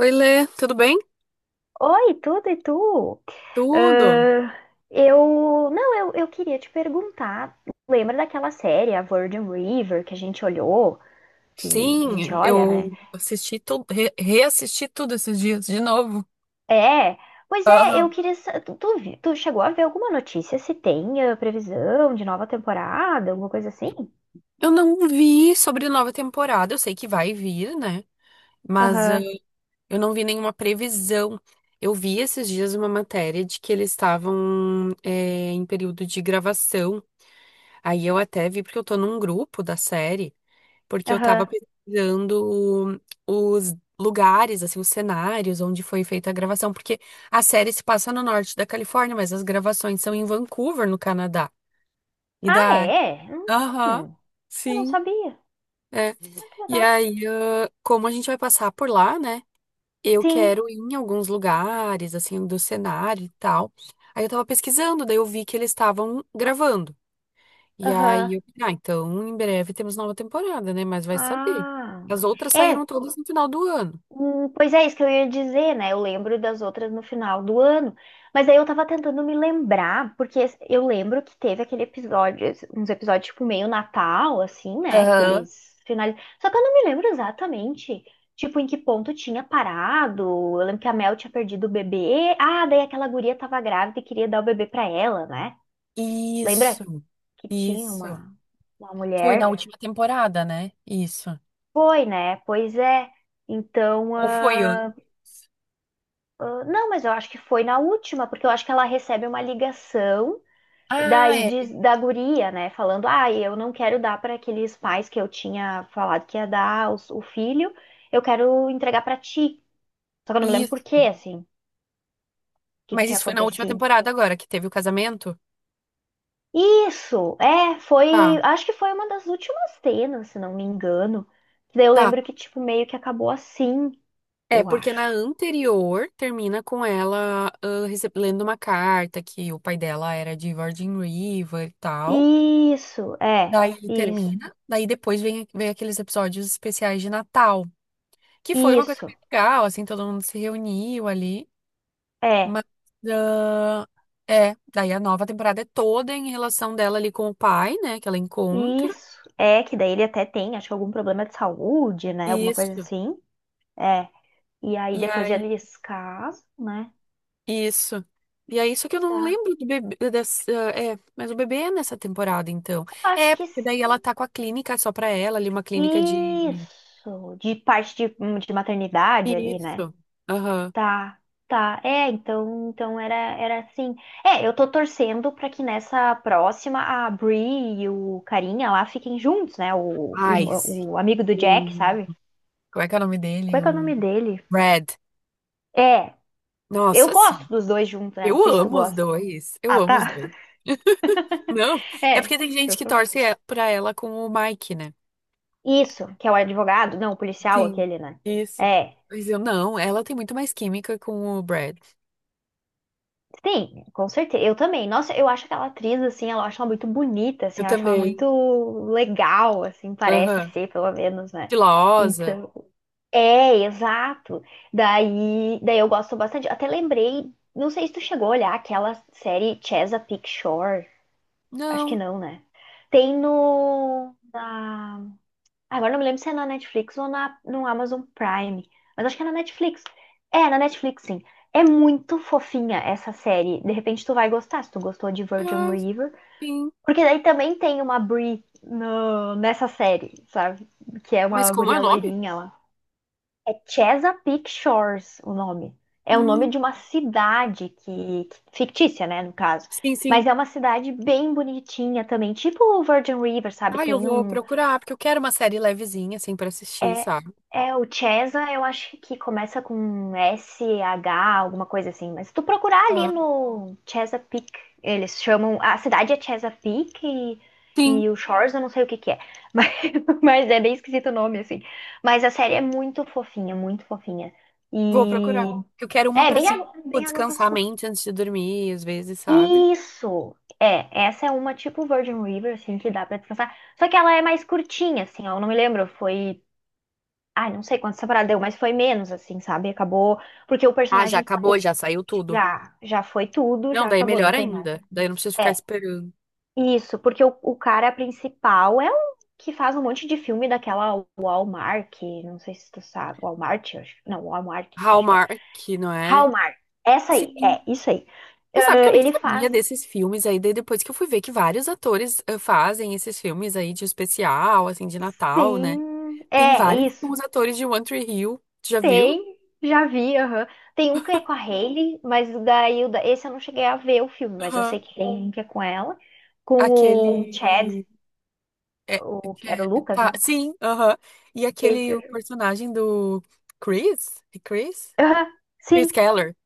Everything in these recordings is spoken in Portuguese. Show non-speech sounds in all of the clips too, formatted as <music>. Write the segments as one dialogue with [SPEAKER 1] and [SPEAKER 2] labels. [SPEAKER 1] Oi, Lê, tudo bem?
[SPEAKER 2] Oi, tudo e tu?
[SPEAKER 1] Tudo.
[SPEAKER 2] Ah, eu. Não, eu queria te perguntar. Lembra daquela série, a Virgin River, que a gente olhou? Que a gente
[SPEAKER 1] Sim,
[SPEAKER 2] olha, né?
[SPEAKER 1] eu assisti tudo, reassisti tudo esses dias de novo.
[SPEAKER 2] É. Pois é, eu
[SPEAKER 1] Aham.
[SPEAKER 2] queria. Sa- Tu, tu, vi- tu chegou a ver alguma notícia se tem previsão de nova temporada, alguma coisa assim?
[SPEAKER 1] Eu não vi sobre nova temporada, eu sei que vai vir, né? Mas
[SPEAKER 2] Aham,
[SPEAKER 1] eu não vi nenhuma previsão. Eu vi esses dias uma matéria de que eles estavam em período de gravação. Aí eu até vi porque eu tô num grupo da série. Porque eu tava
[SPEAKER 2] aham.
[SPEAKER 1] pesquisando os lugares, assim, os cenários onde foi feita a gravação, porque a série se passa no norte da Califórnia, mas as gravações são em Vancouver, no Canadá. E
[SPEAKER 2] Ah,
[SPEAKER 1] daí,
[SPEAKER 2] é?
[SPEAKER 1] aham,
[SPEAKER 2] Hum, eu não
[SPEAKER 1] sim,
[SPEAKER 2] sabia.
[SPEAKER 1] é.
[SPEAKER 2] Ah, que
[SPEAKER 1] E
[SPEAKER 2] legal.
[SPEAKER 1] aí, como a gente vai passar por lá, né? Eu
[SPEAKER 2] Sim,
[SPEAKER 1] quero ir em alguns lugares, assim, do cenário e tal. Aí eu tava pesquisando, daí eu vi que eles estavam gravando. E
[SPEAKER 2] aham.
[SPEAKER 1] aí, então em breve temos nova temporada, né? Mas vai saber.
[SPEAKER 2] Ah.
[SPEAKER 1] As outras
[SPEAKER 2] É,
[SPEAKER 1] saíram todas no final do ano.
[SPEAKER 2] hum, pois é, isso que eu ia dizer, né? Eu lembro das outras no final do ano. Mas aí eu tava tentando me lembrar, porque eu lembro que teve aquele episódio, uns episódios tipo meio Natal, assim, né? Que
[SPEAKER 1] Aham.
[SPEAKER 2] eles finalizam. Só que eu não me lembro exatamente, tipo, em que ponto tinha parado. Eu lembro que a Mel tinha perdido o bebê. Ah, daí aquela guria tava grávida e queria dar o bebê pra ela, né? Lembra
[SPEAKER 1] Isso,
[SPEAKER 2] que tinha
[SPEAKER 1] isso.
[SPEAKER 2] uma
[SPEAKER 1] Foi
[SPEAKER 2] mulher?
[SPEAKER 1] na última temporada, né? Isso.
[SPEAKER 2] Foi, né? Pois é. Então,
[SPEAKER 1] Ou foi antes?
[SPEAKER 2] ah. Ah, não, mas eu acho que foi na última, porque eu acho que ela recebe uma ligação
[SPEAKER 1] Ah,
[SPEAKER 2] daí
[SPEAKER 1] é.
[SPEAKER 2] da guria, né? Falando, ah, eu não quero dar para aqueles pais que eu tinha falado que ia dar o filho, eu quero entregar para ti. Só que eu não me lembro
[SPEAKER 1] Isso.
[SPEAKER 2] por quê, assim, o que
[SPEAKER 1] Mas
[SPEAKER 2] tinha
[SPEAKER 1] isso foi na última
[SPEAKER 2] acontecido.
[SPEAKER 1] temporada agora, que teve o casamento?
[SPEAKER 2] Isso, é, foi,
[SPEAKER 1] Tá,
[SPEAKER 2] acho que foi uma das últimas cenas, se não me engano. Que daí eu
[SPEAKER 1] tá.
[SPEAKER 2] lembro que, tipo, meio que acabou assim,
[SPEAKER 1] É,
[SPEAKER 2] eu
[SPEAKER 1] porque na
[SPEAKER 2] acho.
[SPEAKER 1] anterior termina com ela lendo uma carta que o pai dela era de Virgin River e tal.
[SPEAKER 2] Isso, é,
[SPEAKER 1] Daí
[SPEAKER 2] isso,
[SPEAKER 1] termina, daí depois vem aqueles episódios especiais de Natal, que foi uma coisa
[SPEAKER 2] isso,
[SPEAKER 1] bem legal, assim, todo mundo se reuniu ali,
[SPEAKER 2] é.
[SPEAKER 1] mas ah, é, daí a nova temporada é toda em relação dela ali com o pai, né, que ela encontra.
[SPEAKER 2] Isso. É, que daí ele até tem, acho que algum problema de saúde, né? Alguma coisa
[SPEAKER 1] Isso.
[SPEAKER 2] assim. É. E aí
[SPEAKER 1] E
[SPEAKER 2] depois
[SPEAKER 1] aí,
[SPEAKER 2] eles casam, né?
[SPEAKER 1] isso. E aí, só que eu não
[SPEAKER 2] Tá.
[SPEAKER 1] lembro do bebê, dessa, é, mas o bebê é nessa temporada, então.
[SPEAKER 2] Acho
[SPEAKER 1] É,
[SPEAKER 2] que
[SPEAKER 1] porque
[SPEAKER 2] s-
[SPEAKER 1] daí ela tá com a clínica só pra ela ali, uma clínica de...
[SPEAKER 2] isso. De parte de maternidade ali, né?
[SPEAKER 1] Isso. Aham.
[SPEAKER 2] Tá. Tá. É, então, era assim. É, eu tô torcendo pra que nessa próxima a Bree e o carinha lá fiquem juntos, né? O,
[SPEAKER 1] Ai, sim.
[SPEAKER 2] o amigo do Jack, sabe?
[SPEAKER 1] Como é que é o nome
[SPEAKER 2] Qual
[SPEAKER 1] dele?
[SPEAKER 2] é que é o
[SPEAKER 1] O
[SPEAKER 2] nome dele?
[SPEAKER 1] Red.
[SPEAKER 2] É, eu
[SPEAKER 1] Nossa, sim.
[SPEAKER 2] gosto dos dois juntos, né? Não
[SPEAKER 1] Eu
[SPEAKER 2] sei se tu
[SPEAKER 1] amo os
[SPEAKER 2] gosta.
[SPEAKER 1] dois. Eu
[SPEAKER 2] Ah,
[SPEAKER 1] amo os
[SPEAKER 2] tá.
[SPEAKER 1] dois.
[SPEAKER 2] <laughs>
[SPEAKER 1] Não, é
[SPEAKER 2] É,
[SPEAKER 1] porque tem gente
[SPEAKER 2] eu
[SPEAKER 1] que
[SPEAKER 2] tô.
[SPEAKER 1] pra ela com o Mike, né?
[SPEAKER 2] Isso, que é o advogado, não, o policial
[SPEAKER 1] Sim,
[SPEAKER 2] aquele, né?
[SPEAKER 1] isso.
[SPEAKER 2] É,
[SPEAKER 1] Mas eu não, ela tem muito mais química com o Brad.
[SPEAKER 2] sim, com certeza. Eu também. Nossa, eu acho aquela atriz, assim, ela eu acho ela muito bonita,
[SPEAKER 1] Eu
[SPEAKER 2] assim, eu acho ela muito
[SPEAKER 1] também.
[SPEAKER 2] legal, assim, parece
[SPEAKER 1] Aham.
[SPEAKER 2] ser, pelo menos, né?
[SPEAKER 1] Filosa.
[SPEAKER 2] Então, é, exato. Daí eu gosto bastante. Até lembrei, não sei se tu chegou a olhar aquela série Chesapeake Shore. Acho que
[SPEAKER 1] Não.
[SPEAKER 2] não, né? Tem no, na- Agora não me lembro se é na Netflix ou no Amazon Prime, mas acho que é na Netflix. É, na Netflix, sim. É muito fofinha essa série. De repente tu vai gostar, se tu gostou de Virgin
[SPEAKER 1] Ah,
[SPEAKER 2] River.
[SPEAKER 1] sim.
[SPEAKER 2] Porque daí também tem uma Brie nessa série, sabe? Que é
[SPEAKER 1] Mas
[SPEAKER 2] uma
[SPEAKER 1] como é o
[SPEAKER 2] guria
[SPEAKER 1] nome?
[SPEAKER 2] loirinha lá. É Chesapeake Shores o nome. É o nome
[SPEAKER 1] Hum,
[SPEAKER 2] de uma cidade que... Fictícia, né, no caso.
[SPEAKER 1] sim, sim.
[SPEAKER 2] Mas é uma cidade bem bonitinha também. Tipo o Virgin River, sabe?
[SPEAKER 1] Ah, eu
[SPEAKER 2] Tem
[SPEAKER 1] vou
[SPEAKER 2] um.
[SPEAKER 1] procurar, porque eu quero uma série levezinha, assim, pra assistir,
[SPEAKER 2] É,
[SPEAKER 1] sabe?
[SPEAKER 2] é o Chesa, eu acho que começa com S-H alguma coisa assim. Mas se tu procurar ali
[SPEAKER 1] Ah.
[SPEAKER 2] no Chesapeake, eles chamam. A cidade é Chesapeake
[SPEAKER 1] Sim.
[SPEAKER 2] e o Shores, eu não sei o que é. Mas, <laughs> mas é bem esquisito o nome, assim. Mas a série é muito fofinha, muito fofinha.
[SPEAKER 1] Vou
[SPEAKER 2] E.
[SPEAKER 1] procurar. Eu quero uma
[SPEAKER 2] É,
[SPEAKER 1] pra, assim, tipo,
[SPEAKER 2] bem água com
[SPEAKER 1] descansar a
[SPEAKER 2] açúcar.
[SPEAKER 1] mente antes de dormir, às vezes, sabe?
[SPEAKER 2] Isso! É, essa é uma tipo Virgin River, assim, que dá pra descansar. Só que ela é mais curtinha, assim, ó. Eu não me lembro, foi. Ai, não sei quantas temporadas deu, mas foi menos, assim, sabe? Acabou. Porque o
[SPEAKER 1] Ah, já
[SPEAKER 2] personagem
[SPEAKER 1] acabou,
[SPEAKER 2] o-
[SPEAKER 1] já saiu tudo.
[SPEAKER 2] Já, já foi tudo,
[SPEAKER 1] Não,
[SPEAKER 2] já
[SPEAKER 1] daí é
[SPEAKER 2] acabou,
[SPEAKER 1] melhor
[SPEAKER 2] não tem mais.
[SPEAKER 1] ainda. Daí eu não preciso ficar
[SPEAKER 2] É,
[SPEAKER 1] esperando.
[SPEAKER 2] isso, porque o cara principal é um que faz um monte de filme daquela Walmart, não sei se tu sabe. Walmart, eu acho. Não, Walmart, que acho que é.
[SPEAKER 1] Hallmark, não é?
[SPEAKER 2] Hallmark. Essa aí,
[SPEAKER 1] Sim.
[SPEAKER 2] é, isso aí.
[SPEAKER 1] Tu
[SPEAKER 2] Ah,
[SPEAKER 1] sabe que eu nem
[SPEAKER 2] ele
[SPEAKER 1] sabia
[SPEAKER 2] faz.
[SPEAKER 1] desses filmes aí, daí depois que eu fui ver que vários atores fazem esses filmes aí de especial, assim, de Natal, né?
[SPEAKER 2] Sim,
[SPEAKER 1] Tem
[SPEAKER 2] é
[SPEAKER 1] vários
[SPEAKER 2] isso.
[SPEAKER 1] os atores de One Tree Hill. Tu já viu?
[SPEAKER 2] Tem, já vi, aham. Tem um que é com a Hailey, mas o da Hilda, esse eu não cheguei a ver o filme, mas eu sei
[SPEAKER 1] Aham.
[SPEAKER 2] que tem um que é com ela, com o Chad,
[SPEAKER 1] Aquele. É,
[SPEAKER 2] o que era o Lucas,
[SPEAKER 1] tá,
[SPEAKER 2] né?
[SPEAKER 1] sim, aham. E
[SPEAKER 2] Esse
[SPEAKER 1] aquele
[SPEAKER 2] eu
[SPEAKER 1] o
[SPEAKER 2] já vi.
[SPEAKER 1] personagem do Chris? É Chris?
[SPEAKER 2] Aham,
[SPEAKER 1] Chris
[SPEAKER 2] sim.
[SPEAKER 1] Keller.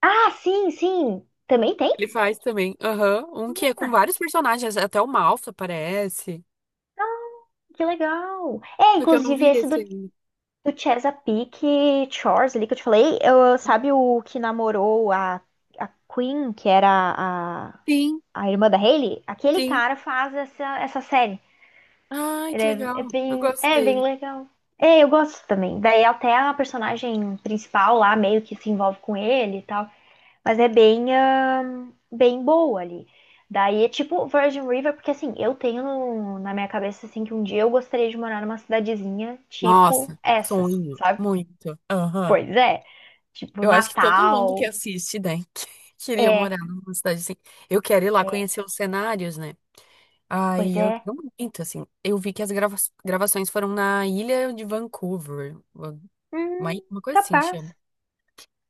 [SPEAKER 2] Ah, sim, sim. Também tem?
[SPEAKER 1] Ele faz também, aham. Um que é com
[SPEAKER 2] Ah,
[SPEAKER 1] vários personagens, até o Malfa aparece.
[SPEAKER 2] que legal. É,
[SPEAKER 1] Só que eu não
[SPEAKER 2] inclusive
[SPEAKER 1] vi
[SPEAKER 2] esse
[SPEAKER 1] esse
[SPEAKER 2] do,
[SPEAKER 1] ainda.
[SPEAKER 2] do Chesapeake Shores ali que eu te falei, eu, sabe o que namorou a Queen, que era a,
[SPEAKER 1] Sim,
[SPEAKER 2] a irmã da Hailey? Aquele
[SPEAKER 1] sim.
[SPEAKER 2] cara faz essa, essa série.
[SPEAKER 1] Ai,
[SPEAKER 2] Ele
[SPEAKER 1] que
[SPEAKER 2] é,
[SPEAKER 1] legal. Eu gosto
[SPEAKER 2] é bem
[SPEAKER 1] dele.
[SPEAKER 2] legal. É, eu gosto também. Daí até a personagem principal lá meio que se envolve com ele e tal, mas é bem, bem boa ali. Daí é tipo Virgin River, porque assim, eu tenho na minha cabeça assim que um dia eu gostaria de morar numa cidadezinha tipo
[SPEAKER 1] Nossa,
[SPEAKER 2] essas,
[SPEAKER 1] sonho.
[SPEAKER 2] sabe?
[SPEAKER 1] Muito. Aham.
[SPEAKER 2] Pois é, tipo
[SPEAKER 1] Eu acho que todo
[SPEAKER 2] Natal.
[SPEAKER 1] mundo que assiste, né, <laughs> queria
[SPEAKER 2] É,
[SPEAKER 1] morar numa cidade assim. Eu quero ir lá
[SPEAKER 2] é,
[SPEAKER 1] conhecer os cenários, né?
[SPEAKER 2] pois
[SPEAKER 1] Ai,
[SPEAKER 2] é.
[SPEAKER 1] eu quero muito, assim. Eu vi que as gravações foram na ilha de Vancouver,
[SPEAKER 2] Hum,
[SPEAKER 1] uma coisa assim
[SPEAKER 2] capaz.
[SPEAKER 1] chama.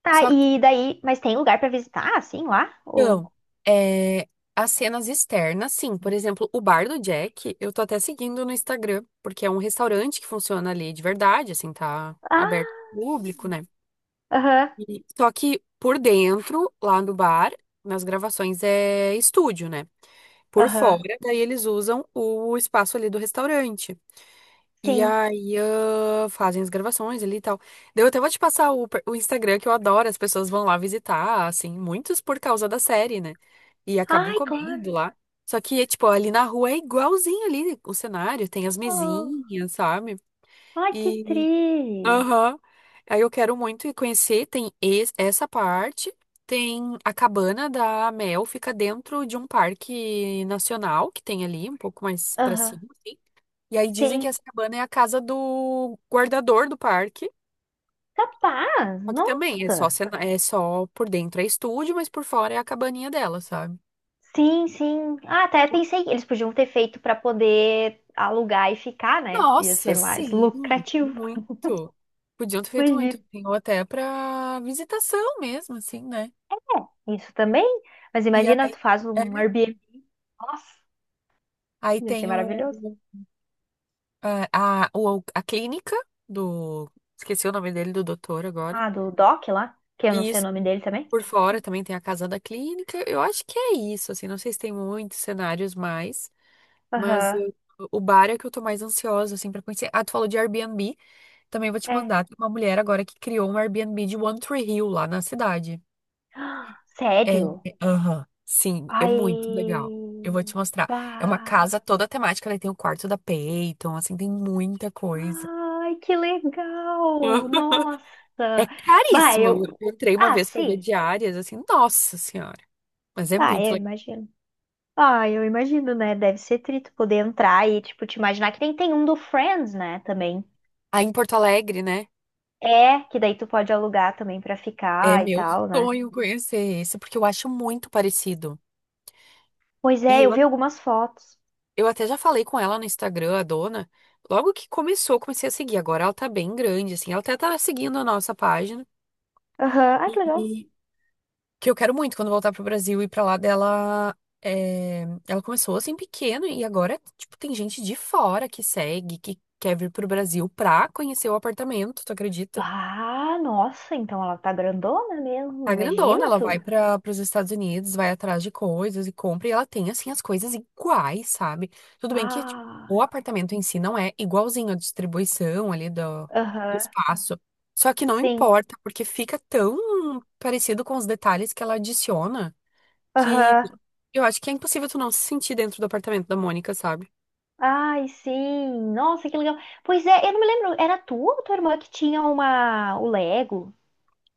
[SPEAKER 2] Tá,
[SPEAKER 1] Só que,
[SPEAKER 2] e daí, mas tem lugar pra visitar assim lá? Ou...
[SPEAKER 1] então, é, as cenas externas, sim. Por exemplo, o bar do Jack, eu tô até seguindo no Instagram, porque é um restaurante que funciona ali de verdade, assim, tá
[SPEAKER 2] Ah,
[SPEAKER 1] aberto ao público, né?
[SPEAKER 2] aham.
[SPEAKER 1] Só que por dentro, lá no bar, nas gravações é estúdio, né? Por
[SPEAKER 2] Aham.
[SPEAKER 1] fora, daí eles usam o espaço ali do restaurante. E
[SPEAKER 2] Sim.
[SPEAKER 1] aí, fazem as gravações ali e tal. Daí eu até vou te passar o Instagram que eu adoro, as pessoas vão lá visitar, assim, muitos por causa da série, né? E acabam
[SPEAKER 2] Ai, claro.
[SPEAKER 1] comendo lá. Só que, é, tipo, ali na rua é igualzinho ali o cenário, tem as
[SPEAKER 2] Oh,
[SPEAKER 1] mesinhas, sabe?
[SPEAKER 2] ai, que
[SPEAKER 1] E,
[SPEAKER 2] tri.
[SPEAKER 1] aham. Aí eu quero muito ir conhecer, tem essa parte, tem a cabana da Mel, fica dentro de um parque nacional que tem ali, um pouco mais pra
[SPEAKER 2] Aham.
[SPEAKER 1] cima, assim. E aí dizem que
[SPEAKER 2] Sim.
[SPEAKER 1] essa cabana é a casa do guardador do parque.
[SPEAKER 2] Capaz.
[SPEAKER 1] Só que também é só,
[SPEAKER 2] Nossa.
[SPEAKER 1] é só por dentro é estúdio, mas por fora é a cabaninha dela, sabe?
[SPEAKER 2] Sim, sim. Ah, até pensei que eles podiam ter feito para poder alugar e ficar, né? Ia
[SPEAKER 1] Nossa,
[SPEAKER 2] ser mais
[SPEAKER 1] sim,
[SPEAKER 2] lucrativo.
[SPEAKER 1] muito. Podiam ter feito muito,
[SPEAKER 2] Imagina.
[SPEAKER 1] assim, ou até pra visitação mesmo, assim, né?
[SPEAKER 2] Isso também. Mas
[SPEAKER 1] E
[SPEAKER 2] imagina,
[SPEAKER 1] aí,
[SPEAKER 2] tu faz
[SPEAKER 1] é,
[SPEAKER 2] um Airbnb. Nossa,
[SPEAKER 1] aí
[SPEAKER 2] ia ser
[SPEAKER 1] tem o,
[SPEAKER 2] maravilhoso.
[SPEAKER 1] a, o- a clínica do. Esqueci o nome dele, do doutor agora.
[SPEAKER 2] Ah, do Doc lá, que eu não
[SPEAKER 1] E
[SPEAKER 2] sei o
[SPEAKER 1] isso,
[SPEAKER 2] nome dele também.
[SPEAKER 1] por fora também tem a casa da clínica. Eu acho que é isso, assim, não sei se tem muitos cenários mais. Mas
[SPEAKER 2] Aham,
[SPEAKER 1] eu- o bar é que eu tô mais ansiosa, assim, pra conhecer. Ah, tu falou de Airbnb. Também vou te
[SPEAKER 2] é. <gasps>
[SPEAKER 1] mandar. Tem uma mulher agora que criou um Airbnb de One Tree Hill lá na cidade.
[SPEAKER 2] Ah,
[SPEAKER 1] É,
[SPEAKER 2] sério?
[SPEAKER 1] é, aham. Sim, é muito
[SPEAKER 2] Ai,
[SPEAKER 1] legal. Eu vou te mostrar. É uma
[SPEAKER 2] bah.
[SPEAKER 1] casa toda temática, né? Tem o quarto da Peyton, assim, tem muita coisa.
[SPEAKER 2] Ai, que legal!
[SPEAKER 1] <laughs> É
[SPEAKER 2] Nossa! Vai,
[SPEAKER 1] caríssimo.
[SPEAKER 2] eu.
[SPEAKER 1] Eu entrei uma
[SPEAKER 2] Ah,
[SPEAKER 1] vez pra ver
[SPEAKER 2] sim.
[SPEAKER 1] diárias, assim, nossa senhora. Mas é
[SPEAKER 2] Ah,
[SPEAKER 1] muito
[SPEAKER 2] eu
[SPEAKER 1] legal.
[SPEAKER 2] imagino. Ah, eu imagino, né? Deve ser trito poder entrar e, tipo, te imaginar que nem tem um do Friends, né? Também.
[SPEAKER 1] Aí em Porto Alegre, né?
[SPEAKER 2] É, que daí tu pode alugar também pra
[SPEAKER 1] É
[SPEAKER 2] ficar e
[SPEAKER 1] meu
[SPEAKER 2] tal, né?
[SPEAKER 1] sonho conhecer esse, porque eu acho muito parecido.
[SPEAKER 2] Pois
[SPEAKER 1] e
[SPEAKER 2] é, eu
[SPEAKER 1] eu
[SPEAKER 2] vi algumas fotos.
[SPEAKER 1] Eu até já falei com ela no Instagram, a dona. Logo que começou, eu comecei a seguir. Agora ela tá bem grande, assim. Ela até tá seguindo a nossa página.
[SPEAKER 2] Aham, ai, que legal.
[SPEAKER 1] E que eu quero muito quando voltar pro Brasil e pra lá dela. É, ela começou assim pequeno e agora, tipo, tem gente de fora que segue, que quer vir pro Brasil pra conhecer o apartamento, tu acredita?
[SPEAKER 2] Ah, nossa, então ela tá grandona
[SPEAKER 1] Tá
[SPEAKER 2] mesmo.
[SPEAKER 1] grandona,
[SPEAKER 2] Imagina
[SPEAKER 1] ela
[SPEAKER 2] tu.
[SPEAKER 1] vai para os Estados Unidos, vai atrás de coisas e compra, e ela tem, assim, as coisas iguais, sabe? Tudo bem que tipo,
[SPEAKER 2] Ah,
[SPEAKER 1] o apartamento em si não é igualzinho a distribuição do
[SPEAKER 2] aham,
[SPEAKER 1] espaço. Só que não
[SPEAKER 2] sim.
[SPEAKER 1] importa, porque fica tão parecido com os detalhes que ela adiciona que
[SPEAKER 2] Aham.
[SPEAKER 1] eu acho que é impossível tu não se sentir dentro do apartamento da Mônica, sabe?
[SPEAKER 2] Ai, sim. Nossa, que legal. Pois é, eu não me lembro. Era tu ou tua irmã que tinha uma... o Lego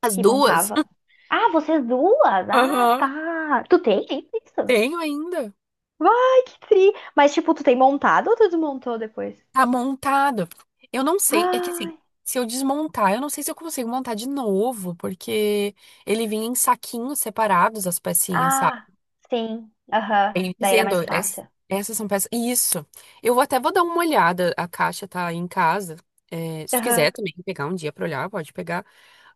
[SPEAKER 1] As
[SPEAKER 2] que
[SPEAKER 1] duas?
[SPEAKER 2] montava?
[SPEAKER 1] <laughs>
[SPEAKER 2] Ah, vocês duas? Ah,
[SPEAKER 1] Aham.
[SPEAKER 2] tá. Tu tem isso?
[SPEAKER 1] Tenho ainda.
[SPEAKER 2] Vai, que tri. Mas, tipo, tu tem montado ou tu desmontou depois?
[SPEAKER 1] Tá montado. Eu não sei, é que assim,
[SPEAKER 2] Ai.
[SPEAKER 1] se eu desmontar, eu não sei se eu consigo montar de novo, porque ele vinha em saquinhos separados, as pecinhas, sabe?
[SPEAKER 2] Ah, sim. Aham.
[SPEAKER 1] Ele
[SPEAKER 2] Daí era
[SPEAKER 1] Dizendo,
[SPEAKER 2] mais
[SPEAKER 1] es-
[SPEAKER 2] fácil.
[SPEAKER 1] Essas são peças. Isso. Eu vou até vou dar uma olhada. A caixa tá aí em casa. É, se tu quiser
[SPEAKER 2] Aham.
[SPEAKER 1] também pegar um dia pra olhar, pode pegar.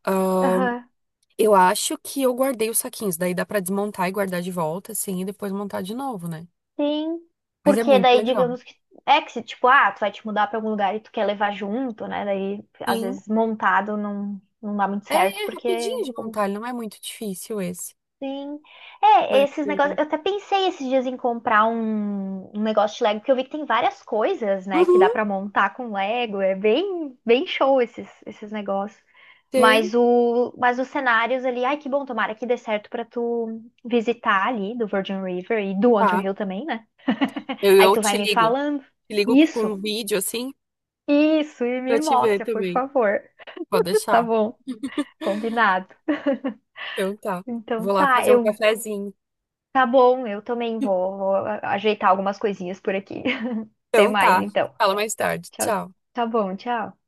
[SPEAKER 1] Ahn,
[SPEAKER 2] Aham.
[SPEAKER 1] eu acho que eu guardei os saquinhos. Daí dá pra desmontar e guardar de volta, assim, e depois montar de novo, né?
[SPEAKER 2] Sim,
[SPEAKER 1] Mas é
[SPEAKER 2] porque
[SPEAKER 1] muito
[SPEAKER 2] daí,
[SPEAKER 1] legal.
[SPEAKER 2] digamos que é que se, tipo, ah, tu vai te mudar pra algum lugar e tu quer levar junto, né? Daí, às
[SPEAKER 1] Sim.
[SPEAKER 2] vezes, montado não, não dá muito
[SPEAKER 1] É,
[SPEAKER 2] certo,
[SPEAKER 1] é
[SPEAKER 2] porque,
[SPEAKER 1] rapidinho de
[SPEAKER 2] como
[SPEAKER 1] montar, ele não é muito difícil esse.
[SPEAKER 2] sim. É,
[SPEAKER 1] Mas
[SPEAKER 2] esses negócios. Eu até pensei esses dias em comprar um negócio de Lego, porque eu vi que tem várias coisas, né, que dá
[SPEAKER 1] uhum,
[SPEAKER 2] pra montar com Lego. É bem, bem show esses, esses negócios.
[SPEAKER 1] tem.
[SPEAKER 2] Mas mas os cenários ali, ai, que bom, tomara que dê certo pra tu visitar ali do Virgin River e do Outro
[SPEAKER 1] Tá.
[SPEAKER 2] Hill também, né?
[SPEAKER 1] Eu,
[SPEAKER 2] Aí
[SPEAKER 1] eu
[SPEAKER 2] tu vai
[SPEAKER 1] te
[SPEAKER 2] me
[SPEAKER 1] ligo.
[SPEAKER 2] falando.
[SPEAKER 1] Te ligo com
[SPEAKER 2] Isso,
[SPEAKER 1] um vídeo assim
[SPEAKER 2] isso, e me
[SPEAKER 1] pra te ver
[SPEAKER 2] mostra, por
[SPEAKER 1] também.
[SPEAKER 2] favor.
[SPEAKER 1] Pode
[SPEAKER 2] <laughs> Tá
[SPEAKER 1] deixar.
[SPEAKER 2] bom, combinado. <laughs>
[SPEAKER 1] Então tá.
[SPEAKER 2] Então
[SPEAKER 1] Vou lá
[SPEAKER 2] tá,
[SPEAKER 1] fazer um
[SPEAKER 2] eu.
[SPEAKER 1] cafezinho.
[SPEAKER 2] Tá bom, eu também vou ajeitar algumas coisinhas por aqui. <laughs> Até
[SPEAKER 1] Então
[SPEAKER 2] mais,
[SPEAKER 1] tá.
[SPEAKER 2] então.
[SPEAKER 1] Fala mais tarde.
[SPEAKER 2] Tchau.
[SPEAKER 1] Tchau.
[SPEAKER 2] Tá bom, tchau.